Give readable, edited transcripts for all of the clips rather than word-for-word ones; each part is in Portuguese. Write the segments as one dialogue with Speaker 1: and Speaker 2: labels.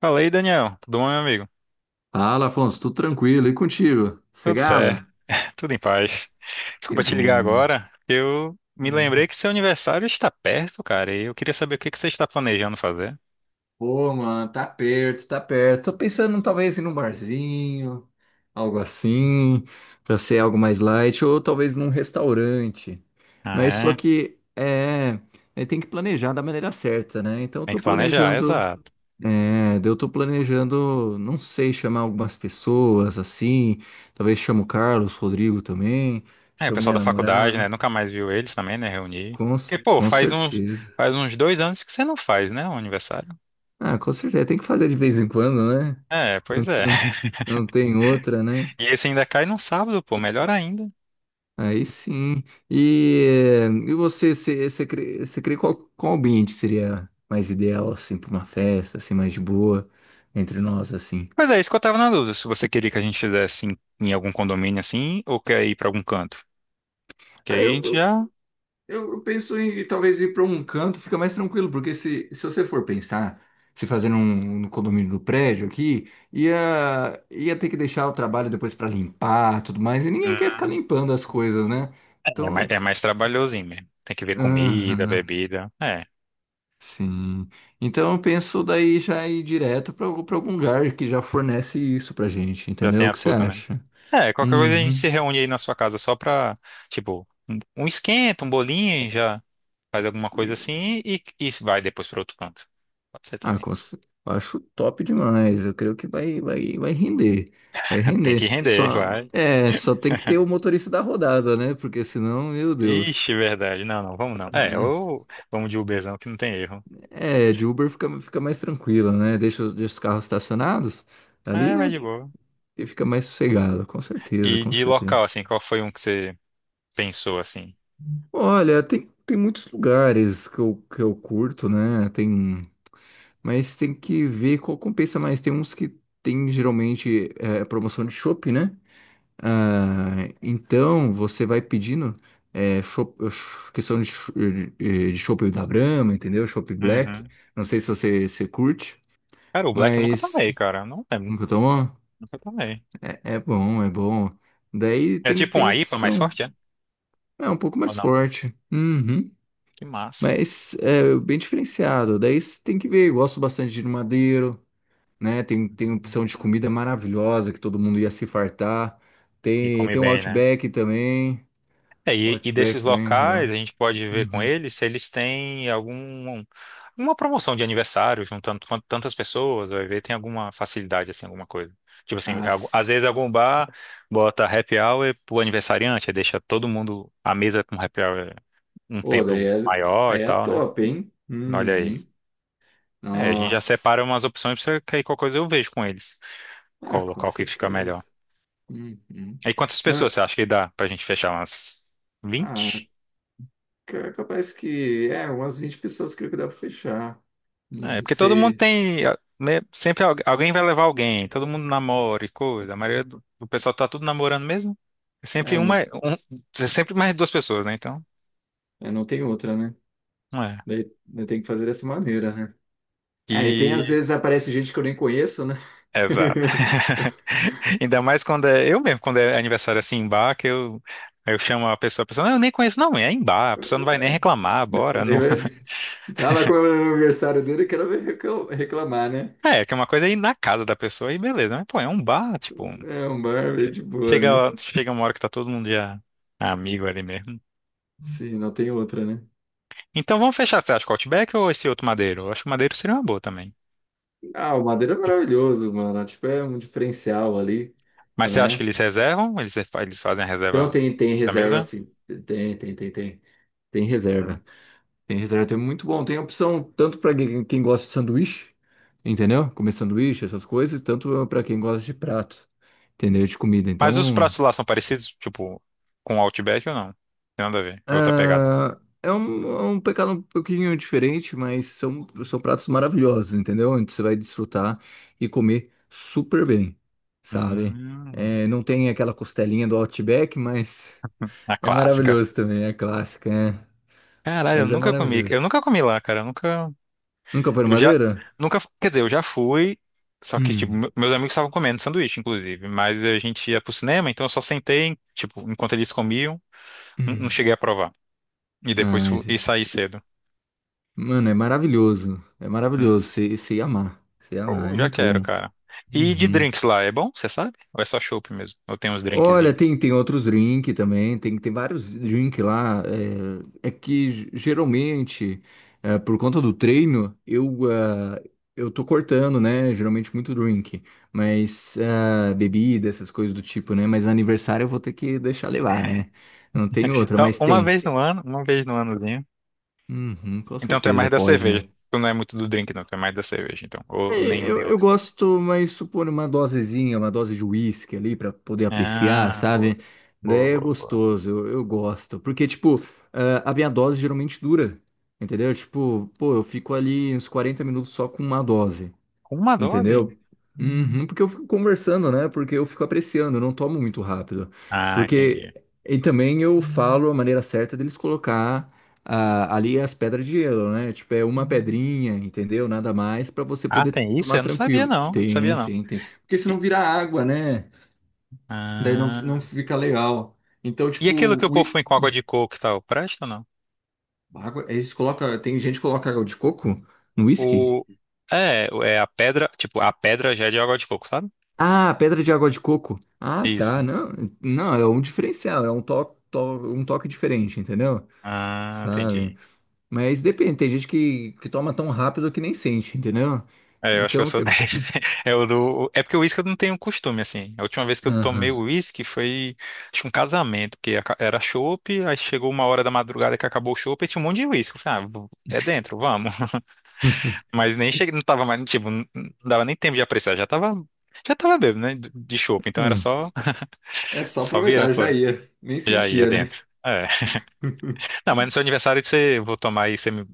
Speaker 1: Fala aí, Daniel. Tudo bom, meu amigo?
Speaker 2: Fala, Afonso, tudo tranquilo? E contigo?
Speaker 1: Tudo certo.
Speaker 2: Cegado?
Speaker 1: Tudo em paz.
Speaker 2: Que
Speaker 1: Desculpa te ligar
Speaker 2: bom.
Speaker 1: agora. Eu me lembrei
Speaker 2: Hum.
Speaker 1: que seu aniversário está perto, cara, e eu queria saber o que que você está planejando fazer.
Speaker 2: Pô, mano, tá perto, tá perto. Tô pensando talvez em um barzinho, algo assim, pra ser algo mais light, ou talvez num restaurante. Mas só
Speaker 1: Ah, é?
Speaker 2: que tem que planejar da maneira certa, né? Então eu
Speaker 1: Tem
Speaker 2: tô
Speaker 1: que planejar,
Speaker 2: planejando,
Speaker 1: exato.
Speaker 2: eu tô planejando, não sei, chamar algumas pessoas assim, talvez chamo o Carlos, Rodrigo também,
Speaker 1: É, o
Speaker 2: chamo
Speaker 1: pessoal
Speaker 2: minha
Speaker 1: da faculdade,
Speaker 2: namorada.
Speaker 1: né? Nunca mais viu eles também, né? Reunir.
Speaker 2: Com, c-
Speaker 1: Porque, pô,
Speaker 2: com
Speaker 1: faz uns,
Speaker 2: certeza.
Speaker 1: faz uns 2 anos que você não faz, né? Um aniversário.
Speaker 2: Ah, com certeza. Tem que fazer de vez em quando, né?
Speaker 1: É,
Speaker 2: Não,
Speaker 1: pois é.
Speaker 2: não, não tem outra, né?
Speaker 1: E esse ainda cai num sábado, pô, melhor ainda.
Speaker 2: Aí sim. E você, você crê, você crê qual ambiente seria mais ideal, assim, para uma festa, assim, mais de boa, entre nós, assim?
Speaker 1: Pois é, isso que eu tava na dúvida, se você queria que a gente fizesse em algum condomínio assim, ou quer ir pra algum canto. Que
Speaker 2: Ah,
Speaker 1: aí a gente
Speaker 2: Eu,
Speaker 1: já.
Speaker 2: Eu penso em talvez ir para um canto, fica mais tranquilo, porque se você for pensar, se fazer um, no condomínio do prédio aqui, ia ter que deixar o trabalho depois para limpar tudo mais, e ninguém quer
Speaker 1: Hum.
Speaker 2: ficar limpando as coisas, né?
Speaker 1: É
Speaker 2: Então,
Speaker 1: mais, é
Speaker 2: t-
Speaker 1: mais trabalhosinho mesmo. Tem que ver comida,
Speaker 2: aham,
Speaker 1: bebida. É,
Speaker 2: sim. Então eu penso daí já ir direto para algum lugar que já fornece isso pra gente,
Speaker 1: já tem
Speaker 2: entendeu? O
Speaker 1: a
Speaker 2: que você
Speaker 1: tudo, né?
Speaker 2: acha?
Speaker 1: É, qualquer coisa a gente
Speaker 2: Uhum.
Speaker 1: se reúne aí na sua casa só pra, tipo, um esquenta, um bolinho, já faz alguma coisa assim e vai depois pra outro canto. Pode ser
Speaker 2: Ah,
Speaker 1: também.
Speaker 2: cons- acho top demais. Eu creio que vai render. Vai
Speaker 1: Tem que
Speaker 2: render.
Speaker 1: render,
Speaker 2: Só,
Speaker 1: vai.
Speaker 2: é, só tem que ter o motorista da rodada, né? Porque senão, meu
Speaker 1: Ixi,
Speaker 2: Deus.
Speaker 1: verdade. Não, não, vamos não. É,
Speaker 2: Hum.
Speaker 1: ou vamos de Uberzão que não tem erro.
Speaker 2: É, de Uber fica mais tranquilo, né? Deixa os carros estacionados ali,
Speaker 1: É, vai
Speaker 2: né?
Speaker 1: de boa.
Speaker 2: E fica mais sossegado, com certeza,
Speaker 1: E
Speaker 2: com
Speaker 1: de
Speaker 2: certeza.
Speaker 1: local, assim, qual foi um que você pensou, assim?
Speaker 2: Olha, tem, tem muitos lugares que eu curto, né? Tem, mas tem que ver qual compensa mais. Tem uns que tem geralmente é, promoção de shopping, né? Ah, então você vai pedindo é, cho- ch- questão de, ch- eh, de chopp da Brahma, entendeu? Chopp Black.
Speaker 1: Uhum.
Speaker 2: Não sei se você curte,
Speaker 1: Cara, o Black eu nunca
Speaker 2: mas
Speaker 1: tomei, cara. Eu não lembro.
Speaker 2: nunca tomou?
Speaker 1: Nunca tomei.
Speaker 2: É bom, é bom. Daí
Speaker 1: É
Speaker 2: tem,
Speaker 1: tipo
Speaker 2: tem
Speaker 1: um IPA mais
Speaker 2: opção.
Speaker 1: forte, é?
Speaker 2: É um pouco
Speaker 1: Ou
Speaker 2: mais
Speaker 1: não?
Speaker 2: forte. Uhum.
Speaker 1: Que massa.
Speaker 2: Mas é bem diferenciado. Daí você tem que ver. Eu gosto bastante de ir no Madeiro, né? Tem, tem opção de
Speaker 1: Uhum.
Speaker 2: comida maravilhosa que todo mundo ia se fartar.
Speaker 1: E
Speaker 2: Tem,
Speaker 1: come
Speaker 2: tem o
Speaker 1: bem, né?
Speaker 2: Outback também.
Speaker 1: É, e desses
Speaker 2: Outback também,
Speaker 1: locais,
Speaker 2: legal.
Speaker 1: a gente pode ver com
Speaker 2: Uhum.
Speaker 1: eles se eles têm algum, alguma promoção de aniversário, juntando tantas pessoas, vai ver, tem alguma facilidade, assim, alguma coisa. Tipo assim,
Speaker 2: as
Speaker 1: às vezes algum bar bota happy hour pro aniversariante, aí deixa todo mundo, a mesa com happy hour um
Speaker 2: Ô, daí
Speaker 1: tempo
Speaker 2: é,
Speaker 1: maior e
Speaker 2: aí é
Speaker 1: tal, né?
Speaker 2: top, hein?
Speaker 1: Olha
Speaker 2: Uhum.
Speaker 1: aí. É, a gente já
Speaker 2: Nossa.
Speaker 1: separa umas opções pra que aí qualquer coisa eu vejo com eles.
Speaker 2: Ah,
Speaker 1: Qual
Speaker 2: com
Speaker 1: local que fica melhor.
Speaker 2: certeza. Uhum.
Speaker 1: Aí quantas
Speaker 2: Não,
Speaker 1: pessoas
Speaker 2: é-
Speaker 1: você acha que dá pra gente fechar? Umas
Speaker 2: ah,
Speaker 1: 20?
Speaker 2: ca- capaz que. É, umas 20 pessoas creio que dá pra fechar.
Speaker 1: É,
Speaker 2: Não
Speaker 1: porque todo mundo
Speaker 2: sei.
Speaker 1: tem, né? Sempre alguém vai levar alguém, todo mundo namora e coisa. A maioria do pessoal tá tudo namorando mesmo. É sempre
Speaker 2: É,
Speaker 1: uma.
Speaker 2: não,
Speaker 1: É sempre mais duas pessoas, né? Então,
Speaker 2: não tem outra, né?
Speaker 1: não é.
Speaker 2: Daí tem que fazer dessa maneira, né? É, e tem às
Speaker 1: E.
Speaker 2: vezes aparece gente que eu nem conheço, né?
Speaker 1: Exato. Ainda mais quando é. Eu mesmo, quando é aniversário assim em bar, que eu chamo a pessoa, não, eu nem conheço, não, é em bar, a pessoa não vai nem reclamar, bora.
Speaker 2: Daí
Speaker 1: Não.
Speaker 2: vai- Tá lá comemorando o aniversário dele, e quero ver reclamar, né?
Speaker 1: É, que é uma coisa aí na casa da pessoa e beleza, mas pô, é um bar, tipo,
Speaker 2: É um bar bem de boa, né?
Speaker 1: chega uma hora que tá todo mundo já amigo ali mesmo.
Speaker 2: Sim, não tem outra, né?
Speaker 1: Então vamos fechar, você acha que o Outback ou esse outro Madeiro? Eu acho que o Madeiro seria uma boa também.
Speaker 2: Ah, o Madeira é maravilhoso, mano. Tipo, é um diferencial ali,
Speaker 1: Mas você acha que
Speaker 2: né?
Speaker 1: eles reservam? Eles fazem a
Speaker 2: Então
Speaker 1: reserva
Speaker 2: tem, tem
Speaker 1: da
Speaker 2: reserva,
Speaker 1: mesa?
Speaker 2: sim. Tem. Tem
Speaker 1: Hum.
Speaker 2: reserva. Tem reserva, tem muito bom. Tem opção tanto para quem gosta de sanduíche, entendeu? Comer sanduíche, essas coisas, tanto para quem gosta de prato, entendeu? De comida.
Speaker 1: Mas os
Speaker 2: Então.
Speaker 1: pratos lá são parecidos, tipo, com o Outback ou não? Tem nada a ver, é outra pegada.
Speaker 2: Ah, é um pecado um pouquinho diferente, mas são pratos maravilhosos, entendeu? Onde você vai desfrutar e comer super bem, sabe?
Speaker 1: Hum.
Speaker 2: É, não tem aquela costelinha do Outback, mas
Speaker 1: Na
Speaker 2: é
Speaker 1: clássica.
Speaker 2: maravilhoso também, é clássica, é.
Speaker 1: Caralho, eu
Speaker 2: Mas é
Speaker 1: nunca comi. Eu
Speaker 2: maravilhoso.
Speaker 1: nunca comi lá, cara. Eu nunca.
Speaker 2: Nunca foi no
Speaker 1: Eu já.
Speaker 2: Madeira?
Speaker 1: Nunca. Quer dizer, eu já fui. Só que, tipo,
Speaker 2: Hum,
Speaker 1: meus amigos estavam comendo sanduíche, inclusive. Mas a gente ia pro cinema, então eu só sentei, tipo, enquanto eles comiam, não
Speaker 2: hum.
Speaker 1: cheguei a provar. E depois
Speaker 2: Ai,
Speaker 1: fui,
Speaker 2: esse-
Speaker 1: e saí cedo.
Speaker 2: mano, é maravilhoso. É
Speaker 1: Hum.
Speaker 2: maravilhoso, você ia amar. Você ia amar,
Speaker 1: Pô,
Speaker 2: é
Speaker 1: já
Speaker 2: muito
Speaker 1: quero,
Speaker 2: bom.
Speaker 1: cara. E de
Speaker 2: Uhum.
Speaker 1: drinks lá, é bom? Você sabe? Ou é só chopp mesmo? Ou tem uns
Speaker 2: Olha,
Speaker 1: drinkzinhos?
Speaker 2: tem, tem outros drinks também, tem, tem vários drinks lá. Geralmente, é, por conta do treino, eu tô cortando, né? Geralmente muito drink, mas bebida, essas coisas do tipo, né? Mas no aniversário eu vou ter que deixar levar, né? Não tem outra,
Speaker 1: Então,
Speaker 2: mas
Speaker 1: uma
Speaker 2: tem.
Speaker 1: vez no ano, uma vez no anozinho.
Speaker 2: Uhum, com
Speaker 1: Então tu é
Speaker 2: certeza
Speaker 1: mais da
Speaker 2: pode, né?
Speaker 1: cerveja. Tu não é muito do drink, não. Tu é mais da cerveja, então. Ou nem um nem
Speaker 2: Eu
Speaker 1: outro.
Speaker 2: gosto, mas supor uma dosezinha, uma dose de uísque ali pra poder apreciar,
Speaker 1: Ah, boa.
Speaker 2: sabe?
Speaker 1: Boa,
Speaker 2: Daí é
Speaker 1: boa, boa.
Speaker 2: gostoso, eu gosto. Porque, tipo, a minha dose geralmente dura, entendeu? Tipo, pô, eu fico ali uns 40 minutos só com uma dose.
Speaker 1: Com uma dose?
Speaker 2: Entendeu? Uhum, porque eu fico conversando, né? Porque eu fico apreciando, eu não tomo muito rápido.
Speaker 1: Ah,
Speaker 2: Porque.
Speaker 1: entendi.
Speaker 2: E também eu falo a maneira certa deles colocar ali as pedras de gelo, né? Tipo, é uma pedrinha, entendeu? Nada mais pra você
Speaker 1: Ah,
Speaker 2: poder
Speaker 1: tem isso?
Speaker 2: tomar
Speaker 1: Eu não sabia,
Speaker 2: tranquilo.
Speaker 1: não. Sabia,
Speaker 2: Tem,
Speaker 1: não.
Speaker 2: tem, tem. Porque senão
Speaker 1: E-
Speaker 2: vira água, né? Daí não
Speaker 1: Ah.
Speaker 2: fica legal. Então,
Speaker 1: E
Speaker 2: tipo,
Speaker 1: aquilo que o povo põe com água de coco e tal, presta ou não?
Speaker 2: água, eles colocam. Tem gente que coloca água de coco no uísque?
Speaker 1: O... é a pedra, tipo, a pedra já é de água de coco, sabe?
Speaker 2: Ah, pedra de água de coco. Ah, tá.
Speaker 1: Isso.
Speaker 2: Não, não, é um diferencial, é um toque diferente, entendeu?
Speaker 1: Ah,
Speaker 2: Sabe?
Speaker 1: entendi.
Speaker 2: Mas depende, tem gente que toma tão rápido que nem sente, entendeu?
Speaker 1: É, eu acho que eu
Speaker 2: Então o
Speaker 1: sou
Speaker 2: que.
Speaker 1: 10. É, é porque o uísque eu não tenho costume, assim. A última vez que eu tomei
Speaker 2: Aham.
Speaker 1: o uísque foi, acho que um casamento, porque era chopp, aí chegou uma hora da madrugada que acabou o chopp e tinha um monte de uísque. Eu falei, ah, é dentro, vamos. Mas nem cheguei, não tava mais, tipo, não dava nem tempo de apreciar, já tava bêbado, né, de chopp, então era
Speaker 2: Hum.
Speaker 1: só,
Speaker 2: É só
Speaker 1: só virando,
Speaker 2: aproveitar, já
Speaker 1: foram.
Speaker 2: ia. Nem
Speaker 1: Já ia
Speaker 2: sentia, né?
Speaker 1: dentro. É. Não, mas no seu aniversário você, vou tomar aí,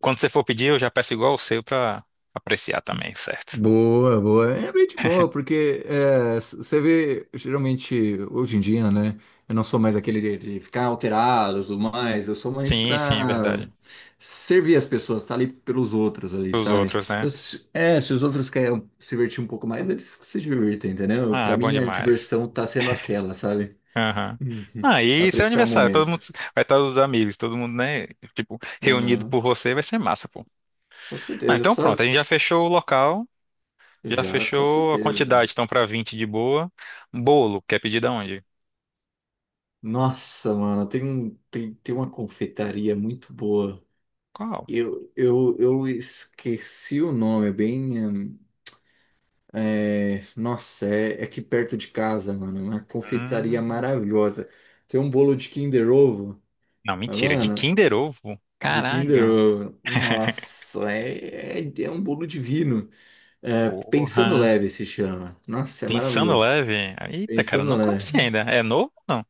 Speaker 1: quando você for pedir, eu já peço igual o seu pra apreciar também, certo?
Speaker 2: Boa, boa. É bem de boa, porque você vê, geralmente, hoje em dia, né? Eu não sou mais aquele de ficar alterado e tudo mais, eu sou mais
Speaker 1: Sim, sim, é
Speaker 2: pra
Speaker 1: verdade.
Speaker 2: servir as pessoas, tá ali pelos outros ali,
Speaker 1: Os
Speaker 2: sabe?
Speaker 1: outros, né?
Speaker 2: Então, se os outros querem se divertir um pouco mais, eles que se divertem, entendeu?
Speaker 1: Ah,
Speaker 2: Pra
Speaker 1: é bom
Speaker 2: mim, a
Speaker 1: demais.
Speaker 2: diversão tá sendo aquela, sabe?
Speaker 1: Aham.
Speaker 2: Uhum.
Speaker 1: Ah, e seu
Speaker 2: Apreciar o
Speaker 1: aniversário, todo mundo
Speaker 2: momento.
Speaker 1: vai estar os amigos, todo mundo, né? Tipo, reunido
Speaker 2: Ah,
Speaker 1: por você, vai ser massa, pô.
Speaker 2: com
Speaker 1: Não,
Speaker 2: certeza,
Speaker 1: então
Speaker 2: só
Speaker 1: pronto, a
Speaker 2: as-
Speaker 1: gente já fechou o local, já
Speaker 2: já, com
Speaker 1: fechou a
Speaker 2: certeza.
Speaker 1: quantidade, então pra 20 de boa. Bolo, quer pedir da onde?
Speaker 2: Nossa, mano, tem, tem uma confeitaria muito boa.
Speaker 1: Qual?
Speaker 2: Eu esqueci o nome, é nossa, é aqui perto de casa, mano. É uma confeitaria
Speaker 1: Hum,
Speaker 2: maravilhosa. Tem um bolo de Kinder Ovo,
Speaker 1: não,
Speaker 2: mas,
Speaker 1: mentira, de
Speaker 2: mano,
Speaker 1: Kinder Ovo?
Speaker 2: de Kinder
Speaker 1: Caralho,
Speaker 2: Ovo. Nossa, é um bolo divino. É, Pensando
Speaker 1: porra.
Speaker 2: Leve se chama. Nossa, é
Speaker 1: Pensando
Speaker 2: maravilhoso.
Speaker 1: leve. Eita, cara, eu
Speaker 2: Pensando
Speaker 1: não
Speaker 2: Leve.
Speaker 1: conheci ainda. É novo ou não?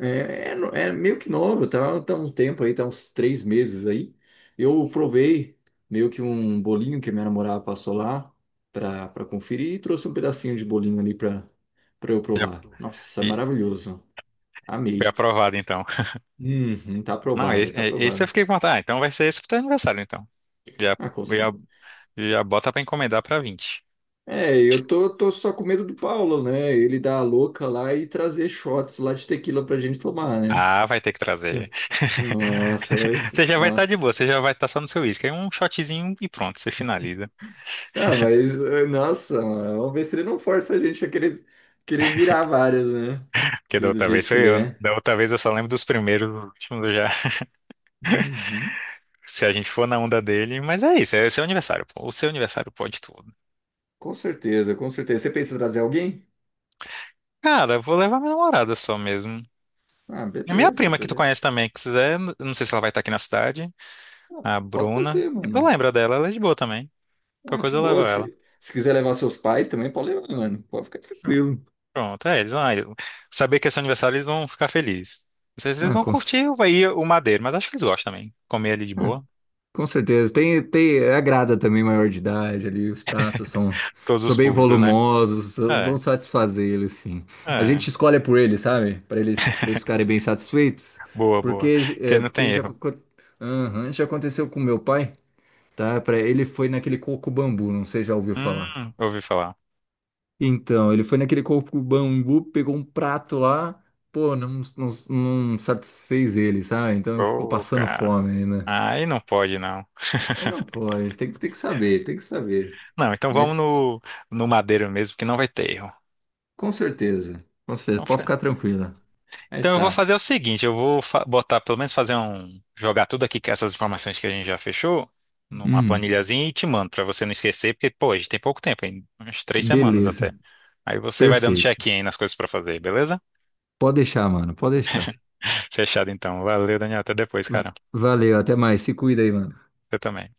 Speaker 2: É meio que novo, tá um tempo aí, tá uns três meses aí. Eu provei meio que um bolinho que minha namorada passou lá pra conferir e trouxe um pedacinho de bolinho ali pra eu
Speaker 1: Já-
Speaker 2: provar. Nossa,
Speaker 1: e
Speaker 2: maravilhoso.
Speaker 1: foi
Speaker 2: Amei.
Speaker 1: aprovado, então.
Speaker 2: Uhum, tá
Speaker 1: Não,
Speaker 2: aprovado,
Speaker 1: esse,
Speaker 2: tá
Speaker 1: esse eu
Speaker 2: aprovado.
Speaker 1: fiquei com vontade. Ah, então vai ser esse pro teu aniversário, então. Já,
Speaker 2: Ah, com
Speaker 1: já,
Speaker 2: certeza.
Speaker 1: Já bota pra encomendar pra 20.
Speaker 2: Tô só com medo do Paulo, né? Ele dar a louca lá e trazer shots lá de tequila pra gente tomar, né?
Speaker 1: Ah, vai ter que trazer.
Speaker 2: Nossa, mas.
Speaker 1: Você já vai estar de boa,
Speaker 2: Nossa.
Speaker 1: você já vai estar só no seu uísque. Aí um shotzinho e pronto, você finaliza.
Speaker 2: Ah, mas, nossa, mano, vamos ver se ele não força a gente a querer virar várias, né?
Speaker 1: Porque
Speaker 2: Que
Speaker 1: da
Speaker 2: é do
Speaker 1: outra vez
Speaker 2: jeito que
Speaker 1: foi
Speaker 2: ele
Speaker 1: eu.
Speaker 2: é.
Speaker 1: Da outra vez eu só lembro dos primeiros, dos últimos eu já.
Speaker 2: Uhum.
Speaker 1: Se a gente for na onda dele. Mas é isso, é seu aniversário, pô. O seu aniversário pode tudo.
Speaker 2: Com certeza, com certeza. Você pensa em trazer alguém?
Speaker 1: Cara, eu vou levar minha namorada só mesmo.
Speaker 2: Ah,
Speaker 1: E a minha
Speaker 2: beleza,
Speaker 1: prima que tu conhece
Speaker 2: beleza.
Speaker 1: também, que quiser. Eu não sei se ela vai estar aqui na cidade.
Speaker 2: Ah,
Speaker 1: A
Speaker 2: pode
Speaker 1: Bruna.
Speaker 2: trazer,
Speaker 1: Tu
Speaker 2: mano.
Speaker 1: lembra dela, ela é de boa também. Qualquer
Speaker 2: Ah, de
Speaker 1: coisa eu levo
Speaker 2: boa,
Speaker 1: ela.
Speaker 2: se quiser levar seus pais também, pode levar, mano. Pode ficar tranquilo.
Speaker 1: Pronto, é, eles vão, saber que é seu aniversário, eles vão ficar felizes. Não sei se eles
Speaker 2: Ah,
Speaker 1: vão
Speaker 2: com...
Speaker 1: curtir aí o Madeiro, mas acho que eles gostam também. Comer ali de boa.
Speaker 2: Com certeza. Agrada também maior de idade ali,
Speaker 1: Todos
Speaker 2: são
Speaker 1: os
Speaker 2: bem
Speaker 1: públicos, né?
Speaker 2: volumosos, so, vão
Speaker 1: É,
Speaker 2: satisfazer eles, sim. A
Speaker 1: é.
Speaker 2: gente escolhe por eles, sabe? Para eles ficarem bem satisfeitos.
Speaker 1: Boa, boa.
Speaker 2: Porque,
Speaker 1: Que não tem erro.
Speaker 2: aham, já aconteceu com meu pai, tá? Para ele foi naquele coco bambu, não sei se já ouviu falar.
Speaker 1: Ouvi falar.
Speaker 2: Então, ele foi naquele coco bambu, pegou um prato lá, pô, não satisfez ele, sabe? Então ficou
Speaker 1: Ô,
Speaker 2: passando
Speaker 1: cara.
Speaker 2: fome, né?
Speaker 1: Aí não pode, não.
Speaker 2: Aí não pode, tem que saber, tem que saber.
Speaker 1: Não, então vamos
Speaker 2: Mas
Speaker 1: no, no Madeiro mesmo, que não vai ter erro.
Speaker 2: com certeza, pode
Speaker 1: Então,
Speaker 2: ficar tranquila. Aí
Speaker 1: Então eu vou
Speaker 2: está.
Speaker 1: fazer o seguinte, eu vou botar, pelo menos fazer um, jogar tudo aqui, que essas informações que a gente já fechou, numa
Speaker 2: Hum,
Speaker 1: planilhazinha e te mando, pra você não esquecer, porque, pô, a gente tem pouco tempo, ainda, umas 3 semanas
Speaker 2: beleza,
Speaker 1: até. Aí você vai dando
Speaker 2: perfeito.
Speaker 1: check-in aí nas coisas pra fazer, beleza?
Speaker 2: Pode deixar, mano, pode deixar.
Speaker 1: Fechado então. Valeu, Daniel, até depois,
Speaker 2: V-
Speaker 1: cara.
Speaker 2: Valeu, até mais, se cuida aí, mano.
Speaker 1: Você também.